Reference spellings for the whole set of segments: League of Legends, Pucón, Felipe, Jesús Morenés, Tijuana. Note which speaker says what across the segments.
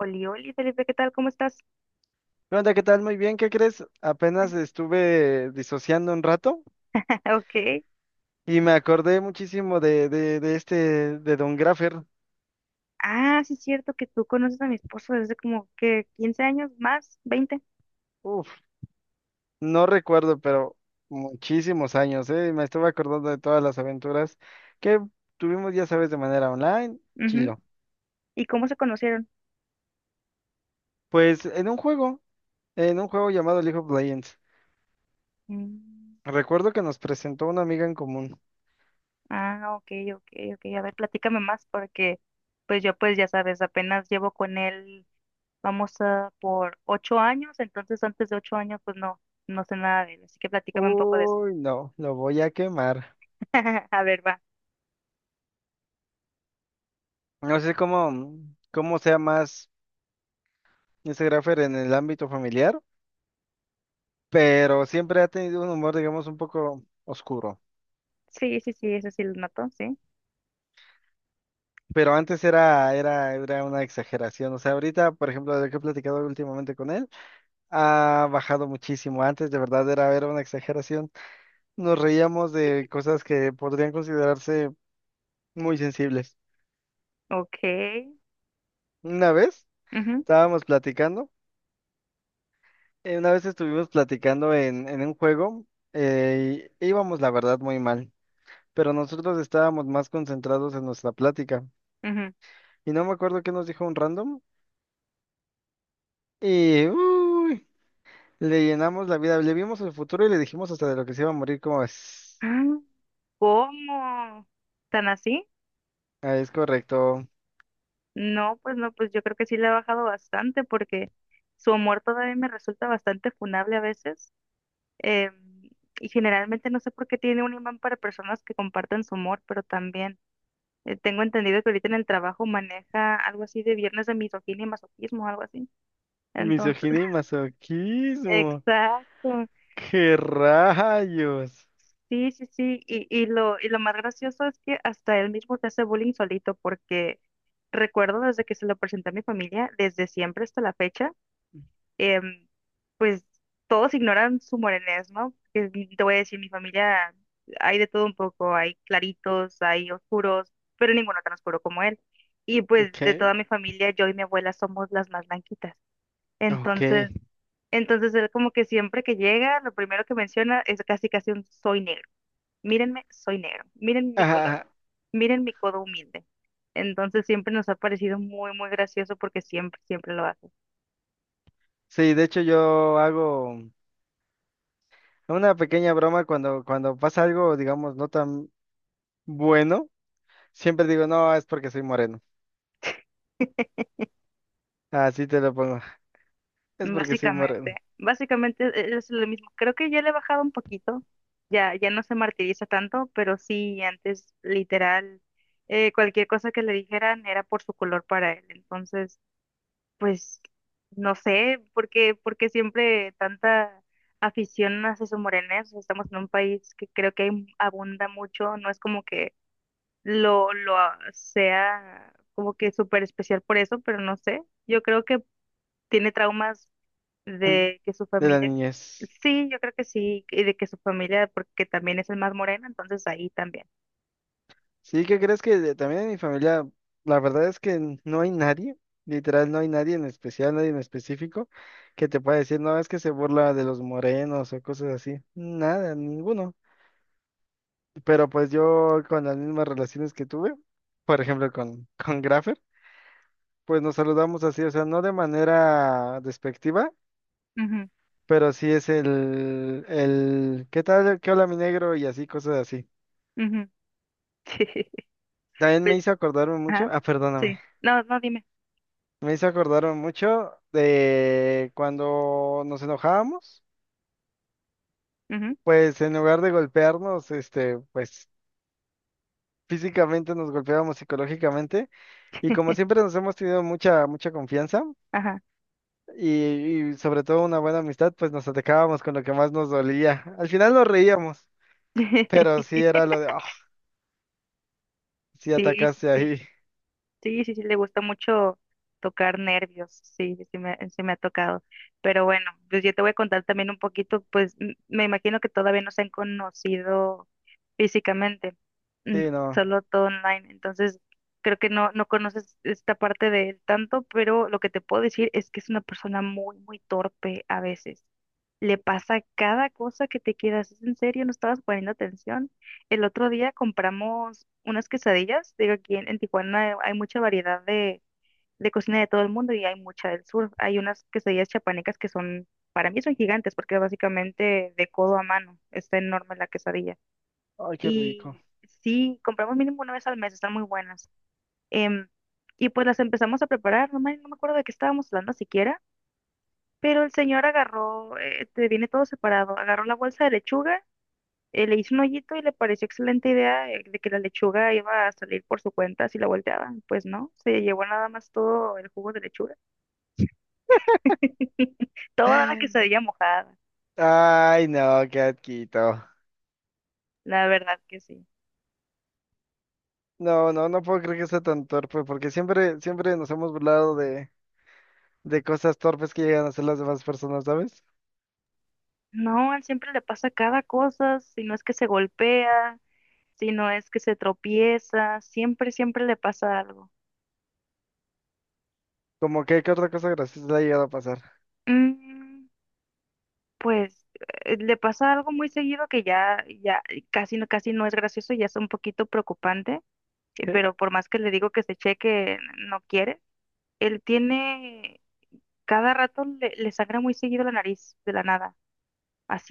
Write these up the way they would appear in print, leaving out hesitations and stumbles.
Speaker 1: Oli, oli, Felipe, ¿qué tal? ¿Cómo estás?
Speaker 2: ¿Qué onda? ¿Qué tal? Muy bien, ¿qué crees? Apenas estuve disociando un rato
Speaker 1: Ok.
Speaker 2: y me acordé muchísimo de Don Graffer.
Speaker 1: Ah, sí es cierto que tú conoces a mi esposo desde como que 15 años más, 20.
Speaker 2: Uf, no recuerdo, pero muchísimos años, ¿eh? Me estuve acordando de todas las aventuras que tuvimos, ya sabes, de manera online,
Speaker 1: Ujú.
Speaker 2: chilo.
Speaker 1: ¿Y cómo se conocieron?
Speaker 2: Pues en un juego llamado League of Legends.
Speaker 1: Mm.
Speaker 2: Recuerdo que nos presentó una amiga en común.
Speaker 1: Ah, ok, ok, ok. A ver, platícame más, porque pues yo, pues ya sabes, apenas llevo con él, vamos a por 8 años, entonces antes de 8 años pues no, no sé nada de él, así que platícame un poco de eso.
Speaker 2: Uy, no, lo voy a quemar.
Speaker 1: A ver, va.
Speaker 2: No sé cómo sea más ese Graffer en el ámbito familiar, pero siempre ha tenido un humor, digamos, un poco oscuro.
Speaker 1: Sí, sí, sí, eso sí lo noto, sí.
Speaker 2: Pero antes era una exageración. O sea, ahorita, por ejemplo, de lo que he platicado últimamente con él, ha bajado muchísimo. Antes, de verdad, era una exageración. Nos reíamos de cosas que podrían considerarse muy sensibles.
Speaker 1: Ok.
Speaker 2: Una vez
Speaker 1: Ujú,
Speaker 2: estábamos platicando, una vez estuvimos platicando en un juego, y íbamos, la verdad, muy mal. Pero nosotros estábamos más concentrados en nuestra plática.
Speaker 1: ujú.
Speaker 2: Y no me acuerdo qué nos dijo un random. Y uy, le llenamos la vida, le vimos el futuro y le dijimos hasta de lo que se iba a morir, ¿cómo es?
Speaker 1: Ah. ¿Cómo? ¿Tan así?
Speaker 2: Ah, es correcto.
Speaker 1: No, pues no, pues yo creo que sí le ha bajado bastante, porque su humor todavía me resulta bastante funable a veces. eh, y generalmente no sé por qué tiene un imán para personas que comparten su humor, pero también tengo entendido que ahorita en el trabajo maneja algo así de viernes de misoginia y masoquismo, algo así. Entonces,
Speaker 2: Misoginia y masoquismo.
Speaker 1: exacto.
Speaker 2: ¡Qué rayos!
Speaker 1: Sí, sí, sí, y lo más gracioso es que hasta él mismo se hace bullying solito, porque recuerdo desde que se lo presenté a mi familia, desde siempre hasta la fecha, em, pues todos ignoran su morenés, ¿no? Te voy a decir, mi familia hay de todo un poco, hay claritos, hay oscuros, pero ninguno tan oscuro como él. Y pues
Speaker 2: Ok,
Speaker 1: de toda mi familia, yo y mi abuela somos las más blanquitas.
Speaker 2: ok.
Speaker 1: Entonces, entonces él como que siempre que llega, lo primero que menciona es casi casi un soy negro. Mírenme, soy negro, miren mi color,
Speaker 2: Ah,
Speaker 1: miren mi codo humilde. Entonces siempre nos ha parecido muy, muy gracioso porque siempre, siempre lo hace.
Speaker 2: sí, de hecho yo hago una pequeña broma cuando, cuando pasa algo, digamos, no tan bueno. Siempre digo, no, es porque soy moreno. Así te lo pongo. Es porque soy
Speaker 1: Básicamente,
Speaker 2: moreno.
Speaker 1: básicamente es lo mismo. Creo que ya le he bajado un poquito, ya, ya no se martiriza tanto, pero sí, antes literal, cualquier cosa que le dijeran era por su color para él. Entonces... Pues no sé por qué siempre tanta afición a Jesús Morenés. Estamos en un país que creo que abunda mucho, no es como que lo sea como que súper especial por eso, pero no sé. Yo creo que tiene traumas de que su
Speaker 2: De la
Speaker 1: familia,
Speaker 2: niñez.
Speaker 1: sí, yo creo que sí, y de que su familia, porque también es el más moreno, entonces ahí también.
Speaker 2: Sí, ¿qué crees que de- también en mi familia, la verdad es que n- no hay nadie, literal, no hay nadie en especial, nadie en específico, que te pueda decir, no, es que se burla de los morenos o cosas así. Nada, ninguno. Pero pues yo con las mismas relaciones que tuve, por ejemplo con, con Graffer, pues nos saludamos así, o sea, no de manera despectiva, pero sí es el, ¿qué tal? ¿Qué hola mi negro? Y así, cosas así.
Speaker 1: Ujú, ujú.
Speaker 2: También me
Speaker 1: Pues,
Speaker 2: hizo acordarme mucho,
Speaker 1: ajá,
Speaker 2: ah, perdóname.
Speaker 1: sí. No, no, dime.
Speaker 2: Me hizo acordar mucho de cuando nos enojábamos,
Speaker 1: Ujú.
Speaker 2: pues en lugar de golpearnos, este, pues físicamente nos golpeábamos psicológicamente, y como siempre nos hemos tenido mucha, mucha confianza
Speaker 1: Ajá.
Speaker 2: y sobre todo una buena amistad, pues nos atacábamos con lo que más nos dolía. Al final nos reíamos, pero sí era lo de, oh, sí
Speaker 1: Sí, sí,
Speaker 2: atacaste
Speaker 1: sí.
Speaker 2: ahí,
Speaker 1: Sí, sí, sí, le gusta mucho tocar nervios. Sí, sí me ha tocado. Pero bueno, pues yo te voy a contar también un poquito, pues me imagino que todavía no se han conocido físicamente. mm,
Speaker 2: sí, no,
Speaker 1: Solo todo online. Entonces, creo que no, no conoces esta parte de él tanto, pero lo que te puedo decir es que es una persona muy, muy torpe a veces. Le pasa cada cosa que te quedas. ¿Es en serio? ¿No estabas poniendo atención? El otro día compramos unas quesadillas. Digo, aquí en Tijuana hay mucha variedad de cocina de todo el mundo y hay mucha del sur. Hay unas quesadillas chapanecas que son, para mí, son gigantes porque básicamente de codo a mano está enorme la quesadilla.
Speaker 2: ay, qué rico.
Speaker 1: Y sí, compramos mínimo una vez al mes, están muy buenas. Em, y pues las empezamos a preparar, no me acuerdo de qué estábamos hablando siquiera, pero el señor agarró, te viene todo separado, agarró la bolsa de lechuga, le hizo un hoyito y le pareció excelente idea, de que la lechuga iba a salir por su cuenta si la volteaban. Pues no, se llevó nada más todo el jugo de lechuga. Toda la quesadilla mojada,
Speaker 2: Ay, no, qué asquito.
Speaker 1: la verdad que sí.
Speaker 2: No, no, no puedo creer que sea tan torpe, porque siempre, siempre nos hemos burlado de cosas torpes que llegan a hacer las demás personas, ¿sabes?
Speaker 1: No, a él siempre le pasa cada cosa, si no es que se golpea, si no es que se tropieza, siempre, siempre le pasa algo.
Speaker 2: Como que, ¿qué otra cosa graciosa le ha llegado a pasar?
Speaker 1: Mm, pues le pasa algo muy seguido que ya, ya casi no es gracioso, ya es un poquito preocupante.
Speaker 2: ¿Qué?
Speaker 1: Pero por más que le digo que se cheque, no quiere. Él tiene, cada rato le sangra muy seguido la nariz de la nada.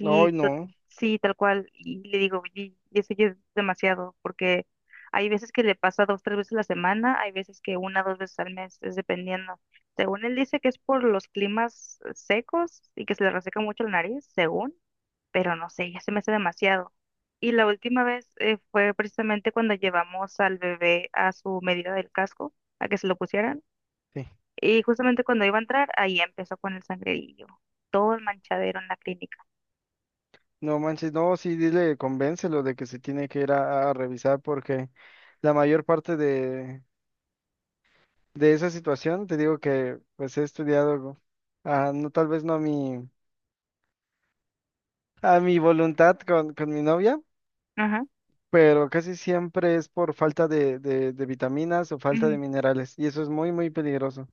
Speaker 2: No, ay, no,
Speaker 1: sí, tal cual. Y le digo, y eso ya es demasiado, porque hay veces que le pasa dos, tres veces a la semana, hay veces que una, dos veces al mes, es dependiendo. Según él dice que es por los climas secos y que se le reseca mucho la nariz, según, pero no sé, ya se me hace demasiado. Y la última vez fue precisamente cuando llevamos al bebé a su medida del casco, a que se lo pusieran,
Speaker 2: sí.
Speaker 1: y justamente cuando iba a entrar, ahí empezó con el sangrerillo, todo el manchadero en la clínica.
Speaker 2: No manches, no, sí, dile, convéncelo de que se tiene que ir a revisar, porque la mayor parte de esa situación, te digo que, pues, he estudiado, ah, no, tal vez no a mi, a mi voluntad con mi novia, pero casi siempre es por falta de vitaminas o falta de
Speaker 1: Ujú.
Speaker 2: minerales, y eso es muy, muy peligroso.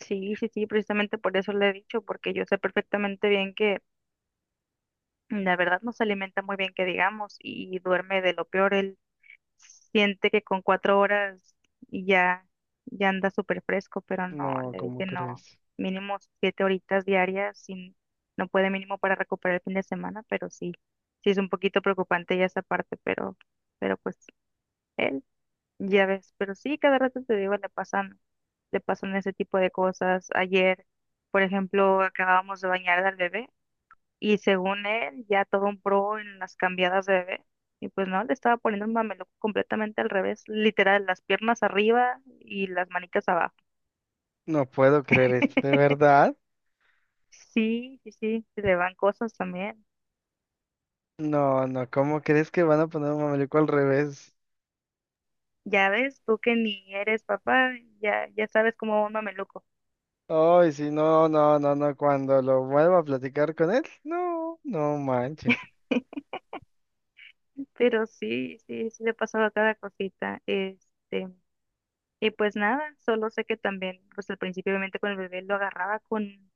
Speaker 1: Sí, sí, sí, precisamente por eso le he dicho, porque yo sé perfectamente bien que la verdad no se alimenta muy bien, que digamos, y duerme de lo peor. Él siente que con 4 horas ya, ya anda súper fresco, pero no,
Speaker 2: No,
Speaker 1: le
Speaker 2: ¿cómo
Speaker 1: dije no,
Speaker 2: crees?
Speaker 1: mínimo 7 horitas diarias, sin, no puede mínimo para recuperar el fin de semana, pero sí, sí es un poquito preocupante ya esa parte, pero pues él. Ya ves, pero sí, cada rato te digo, le pasan ese tipo de cosas. Ayer, por ejemplo, acabábamos de bañar al bebé y según él, ya todo un pro en las cambiadas de bebé. Y pues no, le estaba poniendo un mameluco completamente al revés, literal, las piernas arriba y las manitas abajo.
Speaker 2: No puedo creer esto, ¿de verdad?
Speaker 1: Sí, sí, sí, se le van cosas también.
Speaker 2: No, no, ¿cómo crees que van a poner un mameluco al revés?
Speaker 1: Ya ves, tú que ni eres papá, ya, ya sabes cómo va un mameluco.
Speaker 2: Ay, sí, no, no, no, no, cuando lo vuelva a platicar con él, no, no manches.
Speaker 1: Pero sí, sí, sí le pasaba cada cosita. Y pues nada, solo sé que también, pues al principio obviamente con el bebé lo agarraba con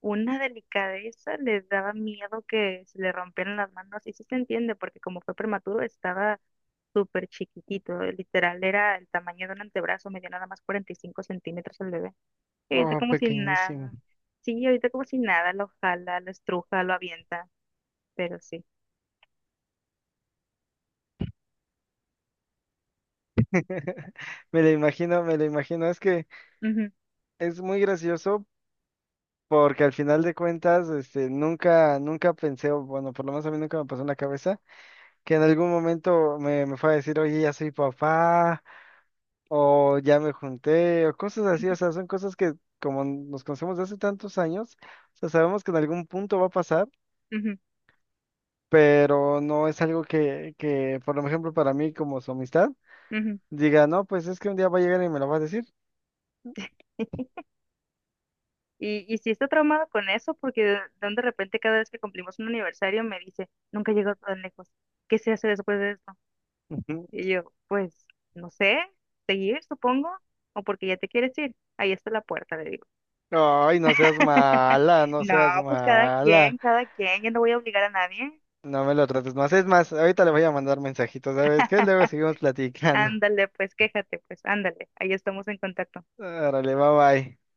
Speaker 1: una delicadeza, le daba miedo que se le rompieran las manos. Y sí se entiende, porque como fue prematuro, estaba súper chiquitito, literal, era el tamaño de un antebrazo, medía nada más 45 centímetros el bebé. Y ahorita
Speaker 2: Oh,
Speaker 1: como si
Speaker 2: pequeñísimo.
Speaker 1: nada, sí, ahorita como si nada, lo jala, lo estruja, lo avienta, pero sí.
Speaker 2: Me lo imagino, me lo imagino. Es que
Speaker 1: Ujú,
Speaker 2: es muy gracioso porque al final de cuentas, este, nunca, nunca pensé, o bueno, por lo menos a mí nunca me pasó en la cabeza que en algún momento me, me fue a decir, oye, ya soy papá, o ya me junté, o cosas así, o sea, son cosas que como nos conocemos de hace tantos años, o sea, sabemos que en algún punto va a pasar,
Speaker 1: ujú,
Speaker 2: pero no es algo que, por ejemplo, para mí como su amistad,
Speaker 1: ujú, ujú.
Speaker 2: diga, no, pues es que un día va a llegar y me lo va a decir.
Speaker 1: Y sí está traumado con eso, porque de un de repente cada vez que cumplimos un aniversario me dice, nunca llegó tan lejos. ¿Qué se hace después de esto?
Speaker 2: Ujú.
Speaker 1: Y yo, pues, no sé, seguir, supongo, o porque ya te quieres ir. Ahí está la puerta, le digo.
Speaker 2: Ay, no seas mala, no
Speaker 1: No,
Speaker 2: seas
Speaker 1: pues
Speaker 2: mala,
Speaker 1: cada quien, yo no voy a obligar a nadie.
Speaker 2: no me lo trates más. Es más, ahorita le voy a mandar mensajitos, ¿sabes qué? Luego seguimos platicando.
Speaker 1: Ándale, pues quéjate, pues ándale, ahí estamos en contacto.
Speaker 2: Órale, bye bye.